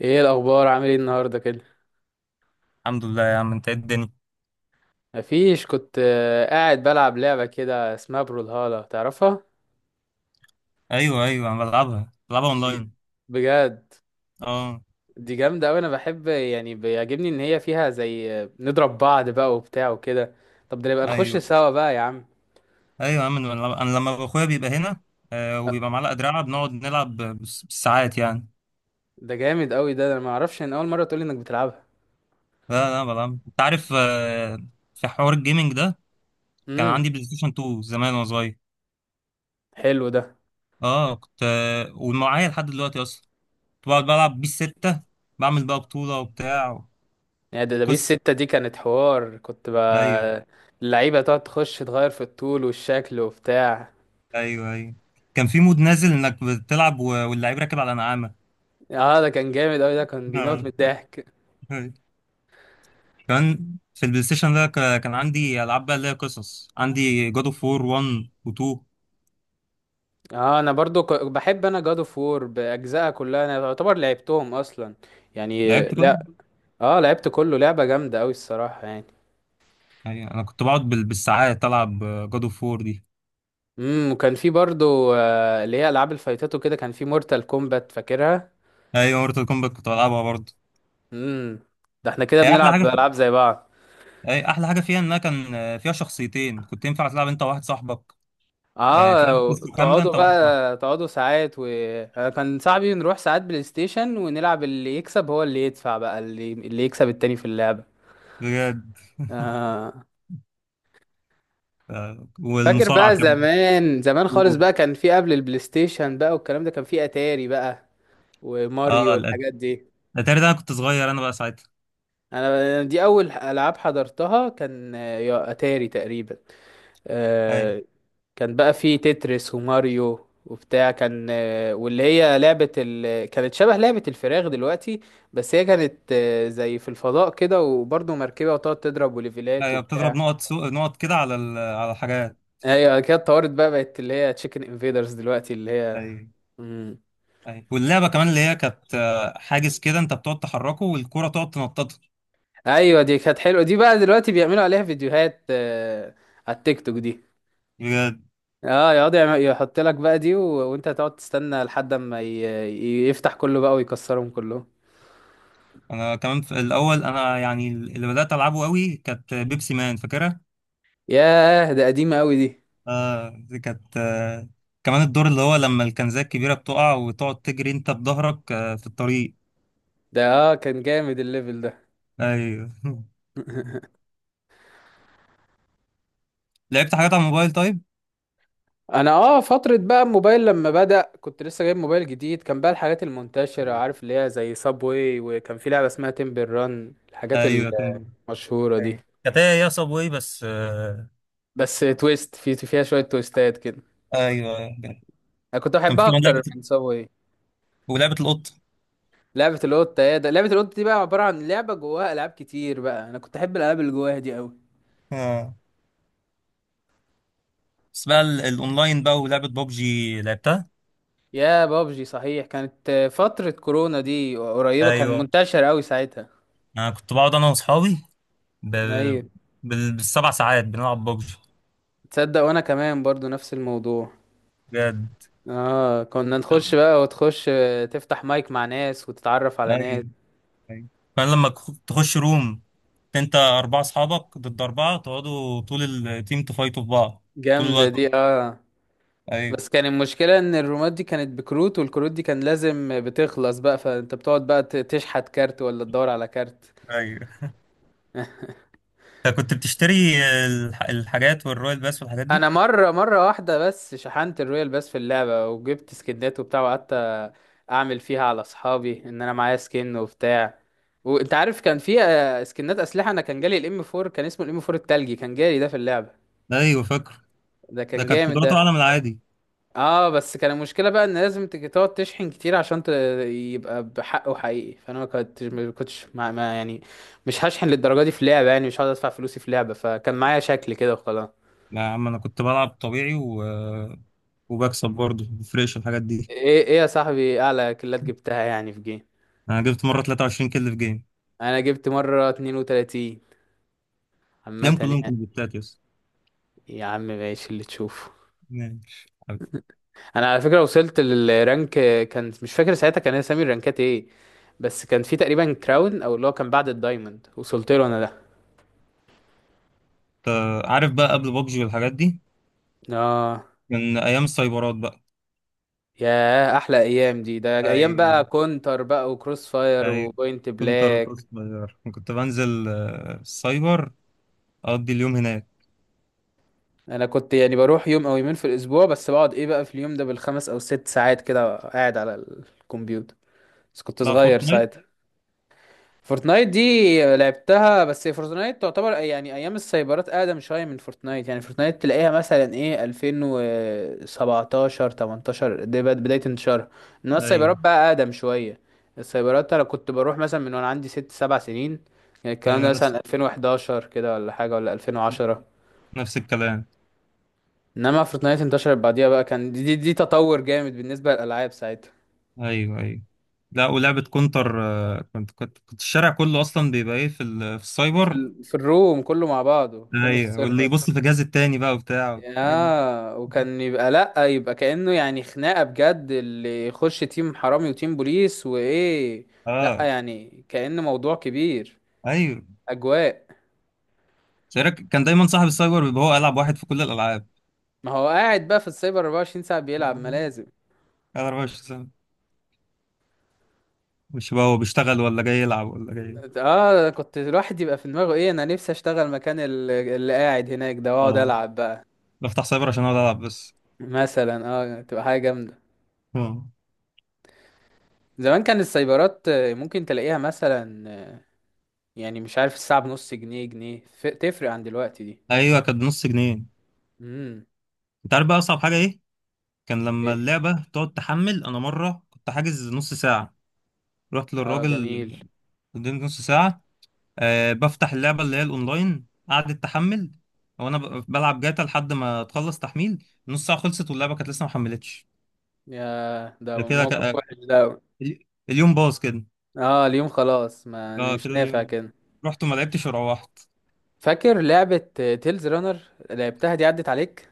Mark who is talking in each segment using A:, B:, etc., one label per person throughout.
A: ايه الاخبار؟ عامل ايه النهارده كده؟
B: الحمد لله يا عم. انت ايه الدنيا؟
A: مفيش. كنت قاعد بلعب لعبه كده اسمها برولهالا، تعرفها؟
B: ايوه، ايوه، انا بلعبها
A: بج-
B: اونلاين.
A: بجد
B: اه.
A: دي جامده قوي. انا بحب، يعني بيعجبني ان هي فيها زي، نضرب بعض بقى وبتاع وكده. طب ده نبقى نخش
B: ايوه،
A: سوا بقى يا عم.
B: ايوه يا عم. انا لما اخويا بيبقى هنا،
A: أ-
B: وبيبقى معلقه دراعه بنقعد نلعب بالساعات يعني.
A: ده جامد قوي ده انا ما اعرفش ان اول مره تقولي انك بتلعبها.
B: لا، لا، بلعب. انت عارف في حوار الجيمنج ده. كان
A: امم
B: عندي بلاي ستيشن 2 زمان وانا صغير.
A: حلو ده.
B: اه. كنت ومعايا لحد دلوقتي اصلا. كنت بقعد بلعب بيه الستة. بعمل بقى بطوله وبتاع.
A: يعني ده بيس
B: قصه.
A: ستة دي كانت حوار، كنت
B: ايوه،
A: بقى اللعيبه تقعد تخش تغير في الطول والشكل وبتاع.
B: ايوه، ايوه. كان في مود نازل انك بتلعب واللعيب راكب على نعامه.
A: اه ده كان جامد قوي ده، كان بيموت من الضحك.
B: آه. كمان في البلاي ستيشن ده كان عندي العاب بقى، اللي هي قصص، عندي جاد اوف وور 1 و2.
A: اه انا برضو، بحب انا جاد اوف وور باجزائها كلها، انا يعتبر لعبتهم اصلا يعني.
B: لعبت كده.
A: لا، اه لعبت كله، لعبه جامده قوي الصراحه يعني.
B: يعني انا كنت بقعد بالساعات العب جاد اوف وور دي.
A: وكان في برضو، اللي هي العاب الفايتات وكده، كان في مورتال كومبات فاكرها.
B: ايوه، مورتال كومبات كنت بلعبها برضه.
A: امم ده احنا كده
B: هي احلى حاجه
A: بنلعب
B: في...
A: العاب زي بعض.
B: هي احلى حاجه فيها، انها كان فيها شخصيتين كنت ينفع تلعب انت وواحد صاحبك. تلعب
A: اه
B: قصه كامله
A: تقعدوا
B: انت وواحد صاحبك.
A: بقى، تقعدوا ساعات و... أنا كان صاحبي نروح ساعات بلاي ستيشن ونلعب، اللي يكسب هو اللي يدفع بقى، اللي يكسب التاني في اللعبه.
B: بجد.
A: اه فاكر
B: والمصارعه
A: بقى
B: كمان.
A: زمان زمان خالص بقى، كان في قبل البلاي ستيشن بقى والكلام ده، كان في اتاري بقى وماريو
B: اه.
A: والحاجات دي.
B: الاتاري ده انا كنت صغير انا بقى ساعتها.
A: انا دي اول العاب حضرتها، كان يا اتاري تقريبا.
B: ايوه،
A: آه، كان بقى في تتريس وماريو وبتاع، كان واللي هي لعبة كانت شبه لعبة الفراخ دلوقتي. بس هي كانت، زي في الفضاء كده وبرضه مركبة، وتقعد تضرب وليفلات
B: ايوه. بتضرب
A: وبتاع.
B: نقط نقط كده على على الحاجات.
A: هي كده اتطورت بقى، بقت اللي هي تشيكن انفيدرز دلوقتي اللي هي.
B: ايوه. أيوة. واللعبه كمان اللي هي كانت حاجز كده، انت بتقعد تحركه والكوره تقعد تنططه.
A: ايوه دي كانت حلوه دي، بقى دلوقتي بيعملوا عليها فيديوهات، على التيك توك دي.
B: بجد.
A: اه يقعد يحط لك بقى دي و... وانت هتقعد تستنى لحد اما يفتح كله بقى ويكسرهم كلهم.
B: انا كمان في الاول، انا يعني اللي بدات العبه قوي كانت بيبسي مان فاكرها.
A: ياه ده قديمه قوي دي
B: دي كانت كمان الدور اللي هو لما الكنزات الكبيره بتقع وتقعد تجري انت بظهرك في الطريق.
A: ده. اه كان جامد الليفل ده.
B: ايوه. لعبت حاجات على الموبايل طيب؟
A: انا اه، فتره بقى الموبايل لما بدأ، كنت لسه جايب موبايل جديد، كان بقى الحاجات المنتشره عارف اللي هي زي سابوي، وكان في لعبه اسمها تمبل ران، الحاجات
B: ايوه.
A: المشهوره دي.
B: ايوه، كانت هي يا صابواي بس
A: بس تويست، في فيها شويه تويستات كده.
B: ايوه،
A: انا كنت
B: كان في
A: بحبها
B: كمان
A: اكتر
B: لعبه،
A: من سابوي.
B: ولعبه القط.
A: لعبة القطة؟ يا ده لعبة القطة دي بقى عبارة عن لعبة جواها ألعاب كتير بقى، أنا كنت أحب الألعاب اللي جواها دي أوي.
B: بس بقى الاونلاين بقى، ولعبة بابجي لعبتها.
A: يا بابجي صحيح، كانت فترة كورونا دي قريبة، كان
B: ايوه.
A: منتشر أوي ساعتها.
B: انا كنت بقعد انا واصحابي بال...
A: أيوة.
B: بالسبع ساعات بنلعب بابجي.
A: تصدق وأنا كمان برضو نفس الموضوع.
B: بجد.
A: آه كنا نخش بقى، وتخش تفتح مايك مع ناس وتتعرف على ناس.
B: ايوه، ايوه. فانا لما تخش روم، انت اربعة اصحابك ضد اربعة، تقعدوا طول التيم تفايتوا في بعض. طول
A: جامدة
B: الوقت.
A: دي آه.
B: ايوه.
A: بس كان المشكلة إن الرومات دي كانت بكروت، والكروت دي كان لازم بتخلص بقى، فأنت بتقعد بقى تشحت كارت ولا تدور على كارت.
B: ايوه. انت كنت بتشتري الحاجات والرويال باس والحاجات
A: انا
B: دي؟
A: مره، مره واحده بس شحنت الرويال بس في اللعبه، وجبت سكنات وبتاع، وقعدت اعمل فيها على اصحابي ان انا معايا سكن وبتاع. وانت عارف كان في سكنات اسلحه. انا كان جالي الام 4، كان اسمه الام 4 التلجي، كان جالي ده في اللعبه.
B: ايوه، فاكر.
A: ده
B: ده
A: كان
B: كانت
A: جامد
B: قدراته
A: ده.
B: اعلى من العادي.
A: اه بس كان المشكله بقى ان لازم تقعد تشحن كتير عشان يبقى بحقه حقيقي. فانا ما كنتش ما كنتش ما... ما يعني مش هشحن للدرجه دي في لعبه. يعني مش هقعد ادفع فلوسي في لعبه، فكان معايا شكل كده وخلاص.
B: لا يا عم، انا كنت بلعب طبيعي وبكسب برضه، مفرقش الحاجات دي.
A: ايه يا صاحبي، اعلى كلات جبتها يعني في جيم؟
B: انا جبت مره 23 كل في جيم.
A: انا جبت مرة 32 عامة
B: تلاقيهم كلهم
A: يعني.
B: كومبليتات، يس.
A: يا عم ماشي اللي تشوفه.
B: ماشي حبيبي.
A: انا على فكرة وصلت للرانك، كان مش فاكر ساعتها كان اسامي الرانكات ايه، بس كان في تقريبا كراون او اللي هو كان بعد الدايموند، وصلت له انا ده.
B: انت عارف بقى قبل بابجي والحاجات دي؟
A: اه
B: كان ايام السايبرات بقى.
A: يا احلى ايام دي، ده ايام بقى
B: ايوه.
A: كونتر بقى وكروس فاير
B: ايوه.
A: وبوينت
B: كنت اروح
A: بلاك.
B: صغير، كنت بنزل السايبر، اقضي اليوم هناك.
A: انا كنت يعني بروح يوم او يومين في الاسبوع بس، بقعد ايه بقى في اليوم ده بالخمس او ست ساعات كده قاعد على الكمبيوتر، بس كنت
B: تلعب
A: صغير.
B: فورتنايت؟
A: فورتنايت دي لعبتها، بس فورتنايت تعتبر يعني ايام السايبرات اقدم شويه من فورتنايت. يعني فورتنايت تلاقيها مثلا ايه 2017 18 دي بدايه انتشارها. انما السايبرات
B: ايوه،
A: بقى اقدم شويه. السايبرات انا كنت بروح مثلا من وانا عندي 6 7 سنين، يعني الكلام ده
B: ايوه. نفس
A: مثلا 2011 كده ولا حاجه، ولا 2010.
B: نفس الكلام.
A: انما فورتنايت انتشرت بعديها بقى، كان دي تطور جامد بالنسبه للالعاب ساعتها.
B: ايوه، ايوه. لا، ولعبه كونتر كنت الشارع كله اصلا بيبقى ايه في في السايبر.
A: في الروم كله مع بعضه، كله في
B: ايوه، واللي
A: السيرفر.
B: يبص في الجهاز التاني بقى وبتاع الحاجات دي.
A: يا وكان يبقى لأ، يبقى كأنه يعني خناقة بجد، اللي يخش تيم حرامي وتيم بوليس وإيه. لأ
B: اه.
A: يعني كأنه موضوع كبير،
B: ايوه.
A: أجواء.
B: شارك، كان دايما صاحب السايبر بيبقى هو ألعب واحد في كل الألعاب.
A: ما هو قاعد بقى في السايبر 24 ساعة
B: لا،
A: بيلعب،
B: هو
A: ما لازم.
B: قاعد 24 ساعة. مش بقى هو بيشتغل ولا جاي يلعب ولا جاي.
A: اه، كنت الواحد يبقى في دماغه ايه، انا نفسي اشتغل مكان اللي قاعد هناك ده واقعد
B: اه.
A: العب بقى.
B: بفتح سايبر عشان اقعد العب بس.
A: مثلا، اه تبقى حاجة جامدة.
B: اه.
A: زمان كان السايبرات، ممكن تلاقيها مثلا، يعني مش عارف الساعة بنص جنيه، جنيه، تفرق عن دلوقتي دي.
B: ايوه، كانت بنص جنيه.
A: امم
B: انت عارف بقى اصعب حاجه ايه؟ كان لما اللعبه تقعد تحمل. انا مره كنت حاجز نص ساعه. رحت
A: اه
B: للراجل،
A: جميل.
B: اديني نص ساعه. بفتح اللعبه اللي هي الاونلاين، قعدت تحمل. وانا بلعب جاتا لحد ما تخلص تحميل نص ساعه، خلصت واللعبه كانت لسه ما حملتش.
A: يا ده
B: ده كده.
A: موقف وحش ده أوي.
B: اليوم باظ كده.
A: اه اليوم خلاص، ما أنا
B: اه،
A: مش
B: كده
A: نافع
B: اليوم
A: كده.
B: رحت وما لعبتش وروحت.
A: فاكر لعبة تيلز رانر؟ لعبتها دي؟ عدت عليك؟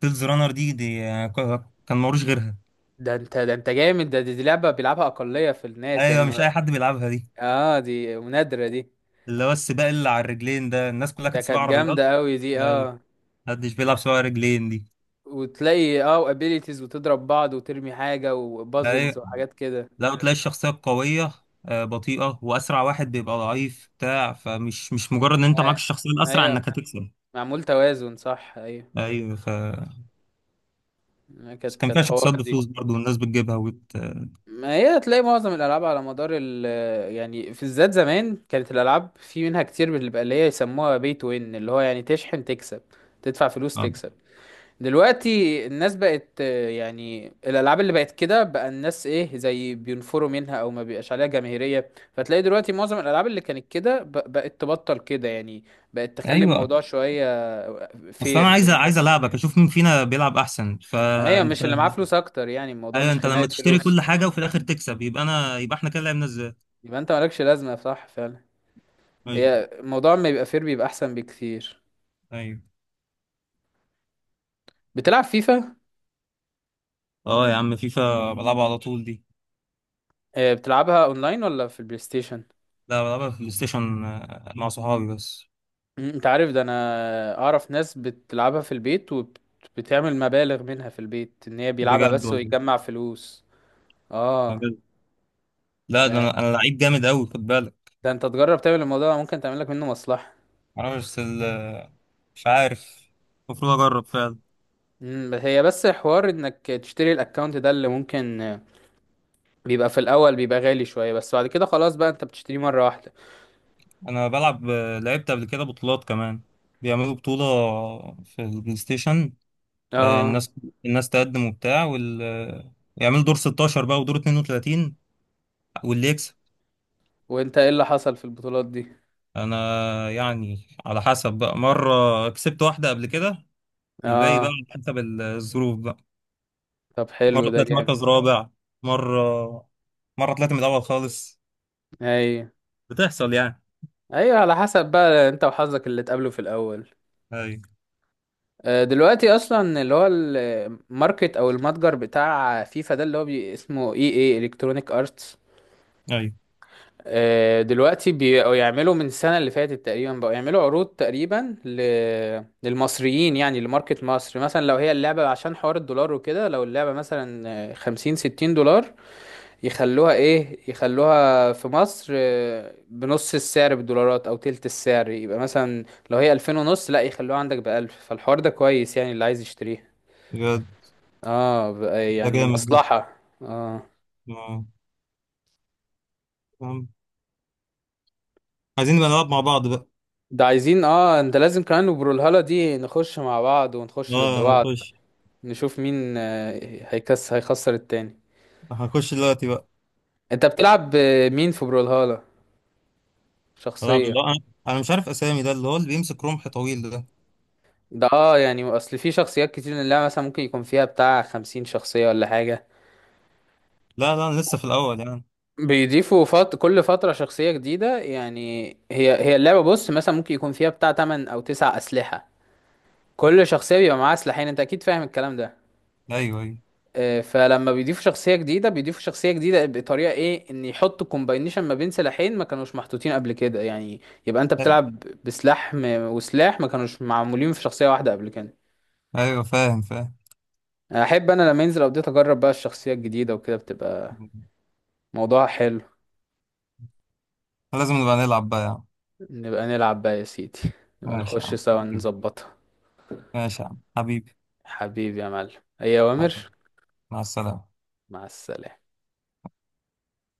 B: تيلز رانر دي كان ملوش غيرها.
A: ده انت، ده انت جامد ده. دي لعبة بيلعبها أقلية في الناس يعني
B: ايوه، مش اي
A: ما-.
B: حد بيلعبها دي.
A: اه دي نادرة دي.
B: اللي هو السباق اللي على الرجلين ده، الناس كلها
A: ده
B: كانت سباق
A: كانت
B: عربيات.
A: جامدة قوي دي
B: أيوة.
A: اه.
B: محدش بيلعب سباق رجلين دي.
A: وتلاقي اه ابيليتيز وتضرب بعض وترمي حاجة
B: ايوه.
A: وبازلز وحاجات كده.
B: لا، تلاقي الشخصيه القويه بطيئه، واسرع واحد بيبقى ضعيف بتاع، فمش مش مجرد ان انت معاك
A: آه
B: الشخصيه الاسرع
A: ايوه،
B: انك هتكسب.
A: معمول توازن، صح ايوه.
B: ايوه. بس
A: كانت
B: كان فيها
A: حوار
B: شخصيات
A: دي.
B: بفلوس برضه، والناس بتجيبها
A: ما هي تلاقي معظم الالعاب على مدار ال... يعني في الذات زمان كانت الالعاب في منها كتير بتبقى اللي هي يسموها بي تو وين، اللي هو يعني تشحن تكسب، تدفع فلوس
B: آه.
A: تكسب. دلوقتي الناس بقت يعني الالعاب اللي بقت كده بقى، الناس ايه زي بينفروا منها او ما بيبقاش عليها جماهيريه، فتلاقي دلوقتي معظم الالعاب اللي كانت كده بقت تبطل كده يعني. بقت تخلي
B: ايوه.
A: الموضوع شويه
B: اصل انا
A: فير
B: عايز
A: للناس.
B: العبك اشوف مين فينا بيلعب احسن،
A: ايوه،
B: فانت.
A: مش اللي معاه فلوس اكتر، يعني الموضوع
B: ايوه.
A: مش
B: انت لما
A: خناقه
B: تشتري
A: فلوس.
B: كل حاجه وفي الاخر تكسب، يبقى احنا كده لعبنا ازاي؟
A: يبقى انت مالكش لازمه، صح فعلا.
B: ايوه،
A: هي الموضوع ما يبقى فير بيبقى احسن بكتير.
B: ايوه.
A: بتلعب فيفا؟
B: اه يا عم، فيفا بلعبها على طول دي.
A: بتلعبها اونلاين ولا في البلاي ستيشن؟
B: لا، بلعبها في البلاي ستيشن مع صحابي بس.
A: انت عارف ده؟ انا اعرف ناس بتلعبها في البيت، وبتعمل مبالغ منها في البيت، ان هي بيلعبها
B: بجد
A: بس
B: والله؟
A: ويجمع فلوس. اه
B: بجد؟ لا ده
A: ده
B: انا لعيب جامد قوي، خد بالك.
A: ده انت تجرب تعمل الموضوع ده، ممكن تعمل لك منه مصلحة.
B: معرفش بس مش عارف. المفروض اجرب فعلا.
A: بس هي بس حوار انك تشتري الاكونت ده، اللي ممكن بيبقى في الاول بيبقى غالي شوية، بس بعد كده خلاص بقى انت بتشتريه مرة واحدة.
B: انا بلعب لعبت قبل كده بطولات كمان. بيعملوا بطوله في البلاي ستيشن.
A: اه
B: الناس، الناس تقدم وبتاع، وال آه، يعملوا دور 16 بقى ودور 32، واللي يكسب.
A: وانت ايه اللي حصل في البطولات دي؟
B: انا يعني على حسب بقى. مره كسبت واحده قبل كده. الباقي بقى
A: اه
B: على حسب الظروف بقى.
A: طب حلو،
B: مره
A: ده
B: طلعت
A: جامد.
B: مركز رابع. مره، مره طلعت من الاول خالص.
A: ايوه،
B: بتحصل يعني.
A: ايوه على حسب بقى انت وحظك اللي تقابله في الاول.
B: اي،
A: دلوقتي اصلا اللي هو الماركت او المتجر بتاع فيفا ده، اللي هو بي اسمه اي اي الكترونيك ارتس،
B: اي.
A: دلوقتي بقوا يعملوا من السنه اللي فاتت تقريبا، بقوا يعملوا عروض تقريبا ل... للمصريين، يعني لماركت مصر مثلا، لو هي اللعبه عشان حوار الدولار وكده، لو اللعبه مثلا 50 60 دولار، يخلوها ايه، يخلوها في مصر بنص السعر بالدولارات او تلت السعر. يبقى مثلا لو هي 2000 ونص، لا يخلوها عندك بـ1000، فالحوار ده كويس يعني اللي عايز يشتريها.
B: بجد،
A: اه بقى
B: ده
A: يعني
B: جامد ده.
A: مصلحة. اه
B: آه. آم. عايزين نبقى نلعب مع بعض بقى.
A: ده عايزين اه، انت لازم كمان وبرولهالة دي نخش مع بعض ونخش ضد
B: اه،
A: بعض.
B: نخش.
A: نشوف مين هيكس هيخسر التاني.
B: هنخش دلوقتي بقى.
A: انت بتلعب مين في برولهالة؟
B: نلعب
A: شخصية؟
B: اللي هو انا. أنا مش عارف اسامي، ده اللي هو اللي بيمسك رمح طويل ده.
A: ده اه يعني اصل في شخصيات كتير من اللعبة، مثلا ممكن يكون فيها بتاع 50 شخصية ولا حاجة.
B: لا، لا، انا لسه في الاول يعني.
A: بيضيفوا كل فترة شخصية جديدة، يعني هي اللعبة بص مثلا ممكن يكون فيها بتاع 8 أو 9 أسلحة. كل شخصية بيبقى معاها سلاحين، أنت أكيد فاهم الكلام ده.
B: ايوه، ايوه.
A: فلما بيضيفوا شخصية جديدة، بطريقة إيه إن يحطوا كومباينيشن ما بين سلاحين ما كانوش محطوطين قبل كده، يعني يبقى أنت
B: ايوه.
A: بتلعب بسلاح وسلاح ما كانوش معمولين في شخصية واحدة قبل كده.
B: أيوة، فاهم، فاهم.
A: أحب أنا لما ينزل أبديت أجرب بقى الشخصية الجديدة وكده، بتبقى موضوع حلو.
B: لازم نبقى نلعب بقى يعني.
A: نبقى نلعب بقى يا سيدي. نبقى
B: ماشي يا
A: نخش
B: عم.
A: سوا نظبطها.
B: ماشي يا عم حبيبي.
A: حبيبي يا معلم، أي أوامر.
B: مع السلامة.
A: مع السلامة.